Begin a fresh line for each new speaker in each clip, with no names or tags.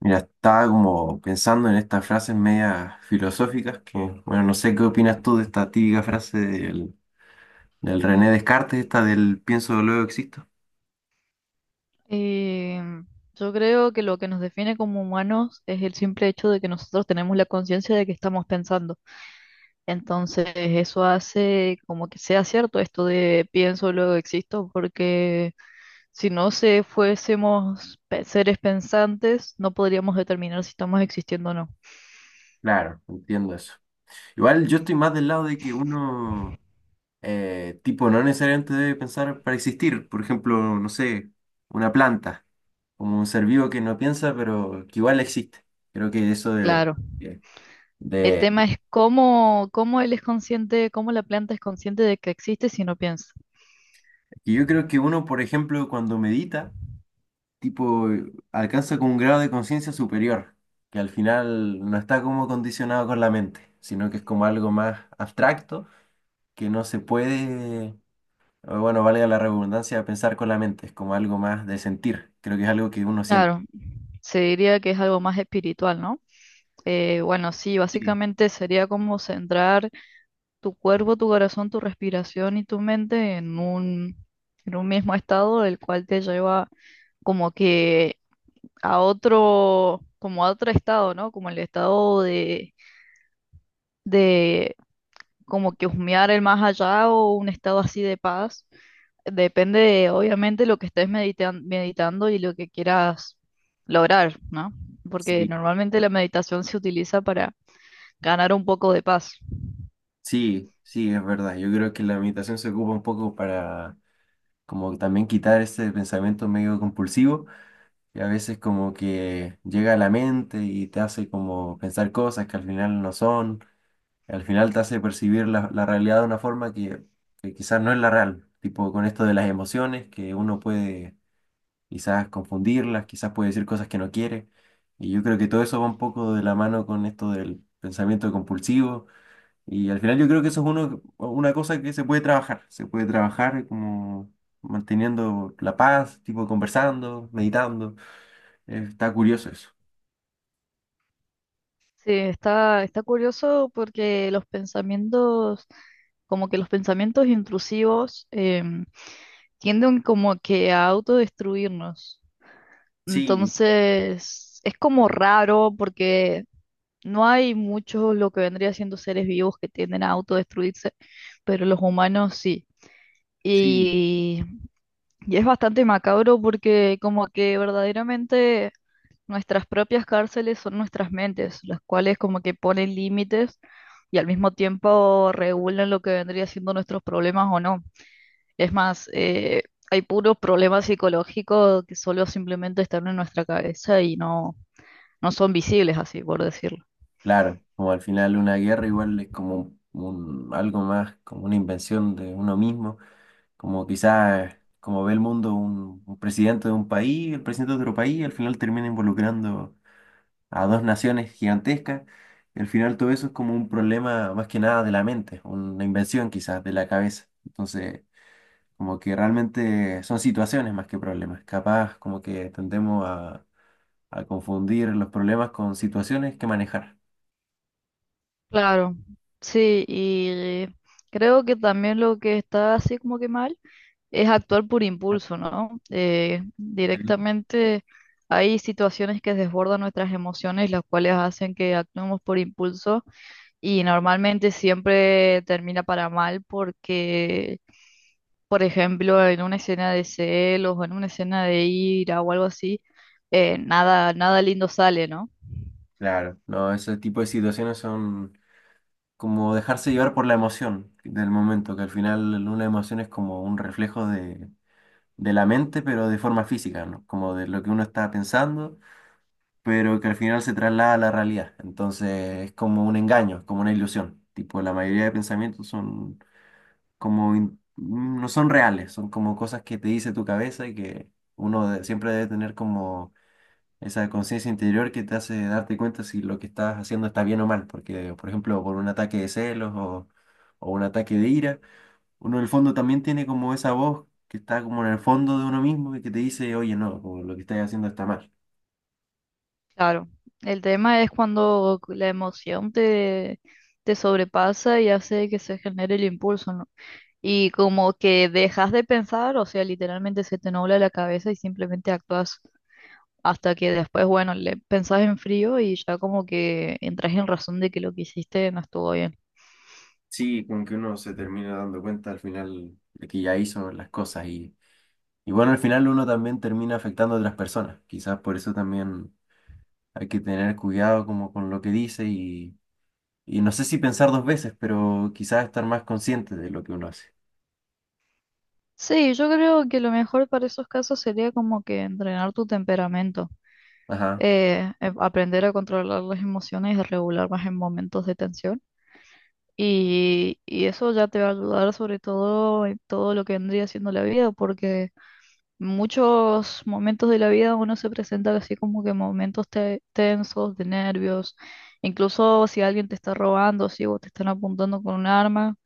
Mira, estaba como pensando en estas frases medias filosóficas que, bueno, no sé qué opinas tú de esta típica frase del René Descartes, esta del pienso, luego existo.
Eh, yo creo que lo que nos define como humanos es el simple hecho de que nosotros tenemos la conciencia de que estamos pensando. Entonces, eso hace como que sea cierto esto de pienso, luego existo, porque si no se fuésemos seres pensantes, no podríamos determinar si estamos existiendo o no.
Claro, entiendo eso. Igual yo estoy más del lado de que uno, tipo, no necesariamente debe pensar para existir. Por ejemplo, no sé, una planta, como un ser vivo que no piensa, pero que igual existe. Creo que eso
Claro.
de,
El
de-
tema es cómo él es consciente, cómo la planta es consciente de que existe si no piensa.
Y yo creo que uno, por ejemplo, cuando medita, tipo, alcanza con un grado de conciencia superior, que al final no está como condicionado con la mente, sino que es como algo más abstracto, que no se puede, o bueno, valga la redundancia, pensar con la mente, es como algo más de sentir, creo que es algo que uno siente.
Claro, se diría que es algo más espiritual, ¿no? Bueno, sí,
Sí,
básicamente sería como centrar tu cuerpo, tu corazón, tu respiración y tu mente en un mismo estado, el cual te lleva como que a otro, como a otro estado, ¿no? Como el estado de como que husmear el más allá o un estado así de paz. Depende de, obviamente, lo que estés meditando y lo que quieras lograr, ¿no? Porque
sí,
normalmente la meditación se utiliza para ganar un poco de paz.
sí, sí, es verdad. Yo creo que la meditación se ocupa un poco para como también quitar ese pensamiento medio compulsivo, que a veces como que llega a la mente y te hace como pensar cosas que al final no son. Al final te hace percibir la realidad de una forma que quizás no es la real, tipo con esto de las emociones, que uno puede quizás confundirlas, quizás puede decir cosas que no quiere, y yo creo que todo eso va un poco de la mano con esto del pensamiento compulsivo, y al final yo creo que eso es uno, una cosa que se puede trabajar como manteniendo la paz, tipo conversando, meditando, está curioso eso.
Sí, está curioso porque los pensamientos, como que los pensamientos intrusivos, tienden como que a autodestruirnos.
Sí,
Entonces, es como raro porque no hay muchos lo que vendría siendo seres vivos que tienden a autodestruirse, pero los humanos sí.
sí.
Y, y es bastante macabro porque como que verdaderamente nuestras propias cárceles son nuestras mentes, las cuales como que ponen límites y al mismo tiempo regulan lo que vendría siendo nuestros problemas o no. Es más, hay puros problemas psicológicos que solo simplemente están en nuestra cabeza y no, no son visibles así, por decirlo.
Claro, como al final una guerra igual es como algo más, como una invención de uno mismo, como quizás como ve el mundo un presidente de un país, el presidente de otro país, al final termina involucrando a dos naciones gigantescas, y al final todo eso es como un problema más que nada de la mente, una invención quizás de la cabeza. Entonces, como que realmente son situaciones más que problemas, capaz como que tendemos a confundir los problemas con situaciones que manejar.
Claro, sí, y creo que también lo que está así como que mal es actuar por impulso, ¿no? Directamente hay situaciones que desbordan nuestras emociones, las cuales hacen que actuemos por impulso y normalmente siempre termina para mal porque, por ejemplo, en una escena de celos o en una escena de ira o algo así, nada, nada lindo sale, ¿no?
Claro, no, ese tipo de situaciones son como dejarse llevar por la emoción del momento, que al final una emoción es como un reflejo de la mente, pero de forma física, ¿no? Como de lo que uno está pensando, pero que al final se traslada a la realidad. Entonces es como un engaño, es como una ilusión. Tipo, la mayoría de pensamientos son como, no son reales, son como cosas que te dice tu cabeza y que uno siempre debe tener como esa conciencia interior que te hace darte cuenta si lo que estás haciendo está bien o mal, porque, por ejemplo, por un ataque de celos o un ataque de ira, uno en el fondo también tiene como esa voz que está como en el fondo de uno mismo y que te dice, oye, no, como lo que estás haciendo está mal.
Claro. El tema es cuando la emoción te sobrepasa y hace que se genere el impulso, ¿no? Y como que dejas de pensar, o sea, literalmente se te nubla la cabeza y simplemente actúas hasta que después, bueno, le pensás en frío y ya como que entras en razón de que lo que hiciste no estuvo bien.
Sí, como que uno se termina dando cuenta al final de que ya hizo las cosas y bueno, al final uno también termina afectando a otras personas. Quizás por eso también hay que tener cuidado como con lo que dice y no sé si pensar dos veces, pero quizás estar más consciente de lo que uno hace.
Sí, yo creo que lo mejor para esos casos sería como que entrenar tu temperamento,
Ajá.
aprender a controlar las emociones y regular más en momentos de tensión. Y eso ya te va a ayudar sobre todo en todo lo que vendría siendo la vida, porque muchos momentos de la vida uno se presenta así como que momentos tensos, de nervios, incluso si alguien te está robando, si vos te están apuntando con un arma,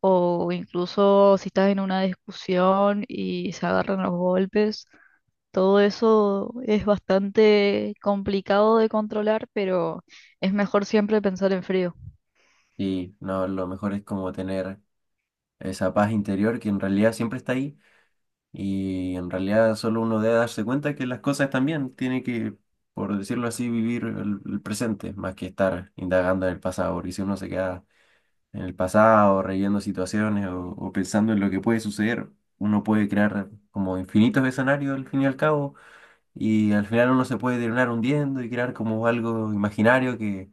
o incluso si estás en una discusión y se agarran los golpes. Todo eso es bastante complicado de controlar, pero es mejor siempre pensar en frío.
Y no, lo mejor es como tener esa paz interior que en realidad siempre está ahí y en realidad solo uno debe darse cuenta que las cosas están bien. Tiene que, por decirlo así, vivir el presente más que estar indagando en el pasado, porque si uno se queda en el pasado, reyendo situaciones o pensando en lo que puede suceder, uno puede crear como infinitos escenarios al fin y al cabo. Y al final uno se puede terminar hundiendo y crear como algo imaginario que,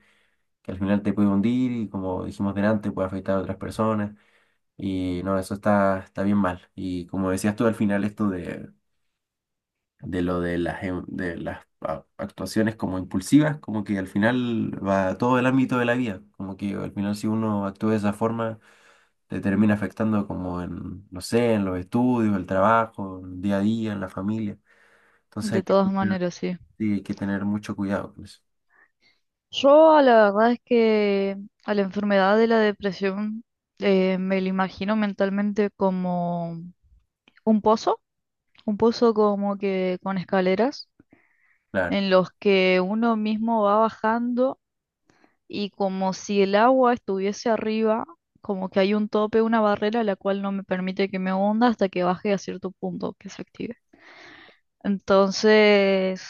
que al final te puede hundir y como dijimos delante puede afectar a otras personas. Y no, eso está bien mal. Y como decías tú al final esto de lo de las, de las actuaciones como impulsivas, como que al final va a todo el ámbito de la vida. Como que al final si uno actúa de esa forma te termina afectando como en, no sé, en los estudios, el trabajo, el día a día, en la familia. Entonces hay
De
que
todas
tener,
maneras, sí.
sí, hay que tener mucho cuidado con eso.
Yo la verdad es que a la enfermedad de la depresión, me la imagino mentalmente como un pozo, un pozo como que con escaleras
Claro,
en los que uno mismo va bajando y como si el agua estuviese arriba, como que hay un tope, una barrera la cual no me permite que me hunda hasta que baje a cierto punto que se active. Entonces,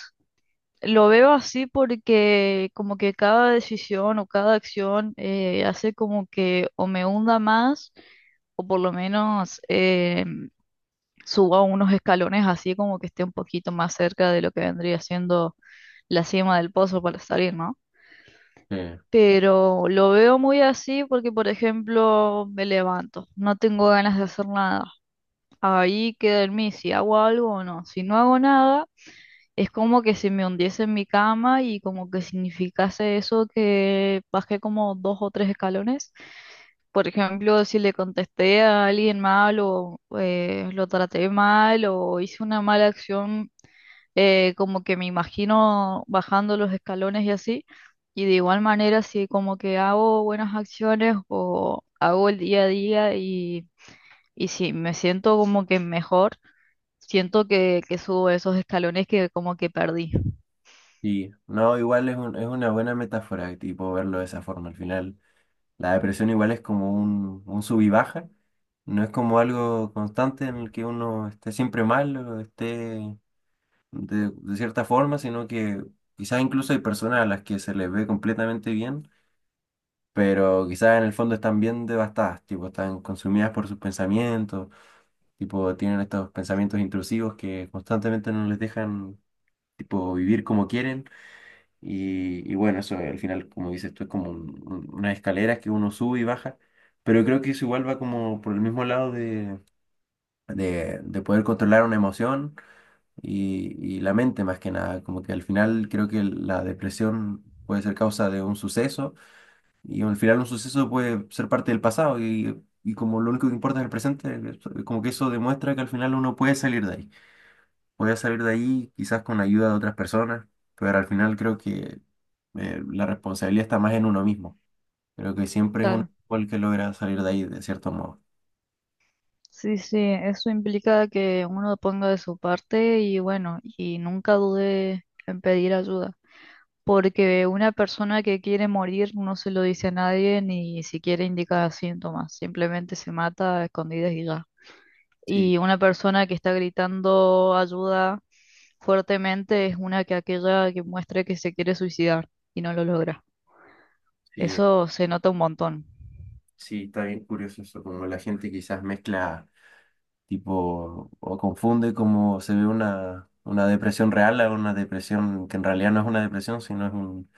lo veo así porque como que cada decisión o cada acción, hace como que o me hunda más o por lo menos, suba unos escalones así como que esté un poquito más cerca de lo que vendría siendo la cima del pozo para salir, ¿no?
sí,
Pero lo veo muy así porque, por ejemplo, me levanto, no tengo ganas de hacer nada. Ahí queda en mí si hago algo o no. Si no hago nada, es como que si me hundiese en mi cama y como que significase eso que bajé como dos o tres escalones. Por ejemplo, si le contesté a alguien mal o lo traté mal o hice una mala acción, como que me imagino bajando los escalones y así. Y de igual manera, si como que hago buenas acciones o hago el día a día y si me siento como que mejor, siento que subo esos escalones que como que perdí.
sí. No, igual es es una buena metáfora, tipo, verlo de esa forma. Al final, la depresión igual es como un, sub y baja. No es como algo constante en el que uno esté siempre mal o esté de cierta forma, sino que quizás incluso hay personas a las que se les ve completamente bien, pero quizás en el fondo están bien devastadas, tipo, están consumidas por sus pensamientos, tipo, tienen estos pensamientos intrusivos que constantemente no les dejan, tipo, vivir como quieren. Y bueno, eso al final, como dices, esto es como unas escaleras que uno sube y baja, pero creo que eso igual va como por el mismo lado de poder controlar una emoción y la mente más que nada, como que al final creo que la depresión puede ser causa de un suceso y al final un suceso puede ser parte del pasado y como lo único que importa es el presente, como que eso demuestra que al final uno puede salir de ahí. Voy a salir de ahí quizás con ayuda de otras personas, pero al final creo que la responsabilidad está más en uno mismo. Creo que siempre es uno
Claro.
el que logra salir de ahí de cierto modo.
Sí, sí, eso implica que uno ponga de su parte y bueno, y nunca dude en pedir ayuda, porque una persona que quiere morir no se lo dice a nadie ni siquiera indica síntomas, simplemente se mata a escondidas y ya.
Sí,
Y una persona que está gritando ayuda fuertemente es una que aquella que muestra que se quiere suicidar y no lo logra.
sí,
Eso se nota un montón,
sí, está bien curioso eso, como la gente quizás mezcla tipo o confunde como se ve una depresión real a una depresión que en realidad no es una depresión, sino es un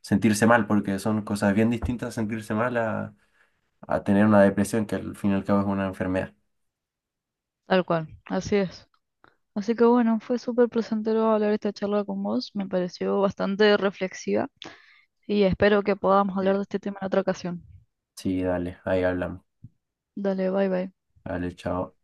sentirse mal, porque son cosas bien distintas sentirse mal a tener una depresión que al fin y al cabo es una enfermedad.
tal cual, así es. Así que bueno, fue súper placentero hablar esta charla con vos, me pareció bastante reflexiva y espero que podamos
Sí,
hablar de este tema en otra ocasión.
sí, dale, ahí hablamos.
Dale, bye bye.
Vale, chao.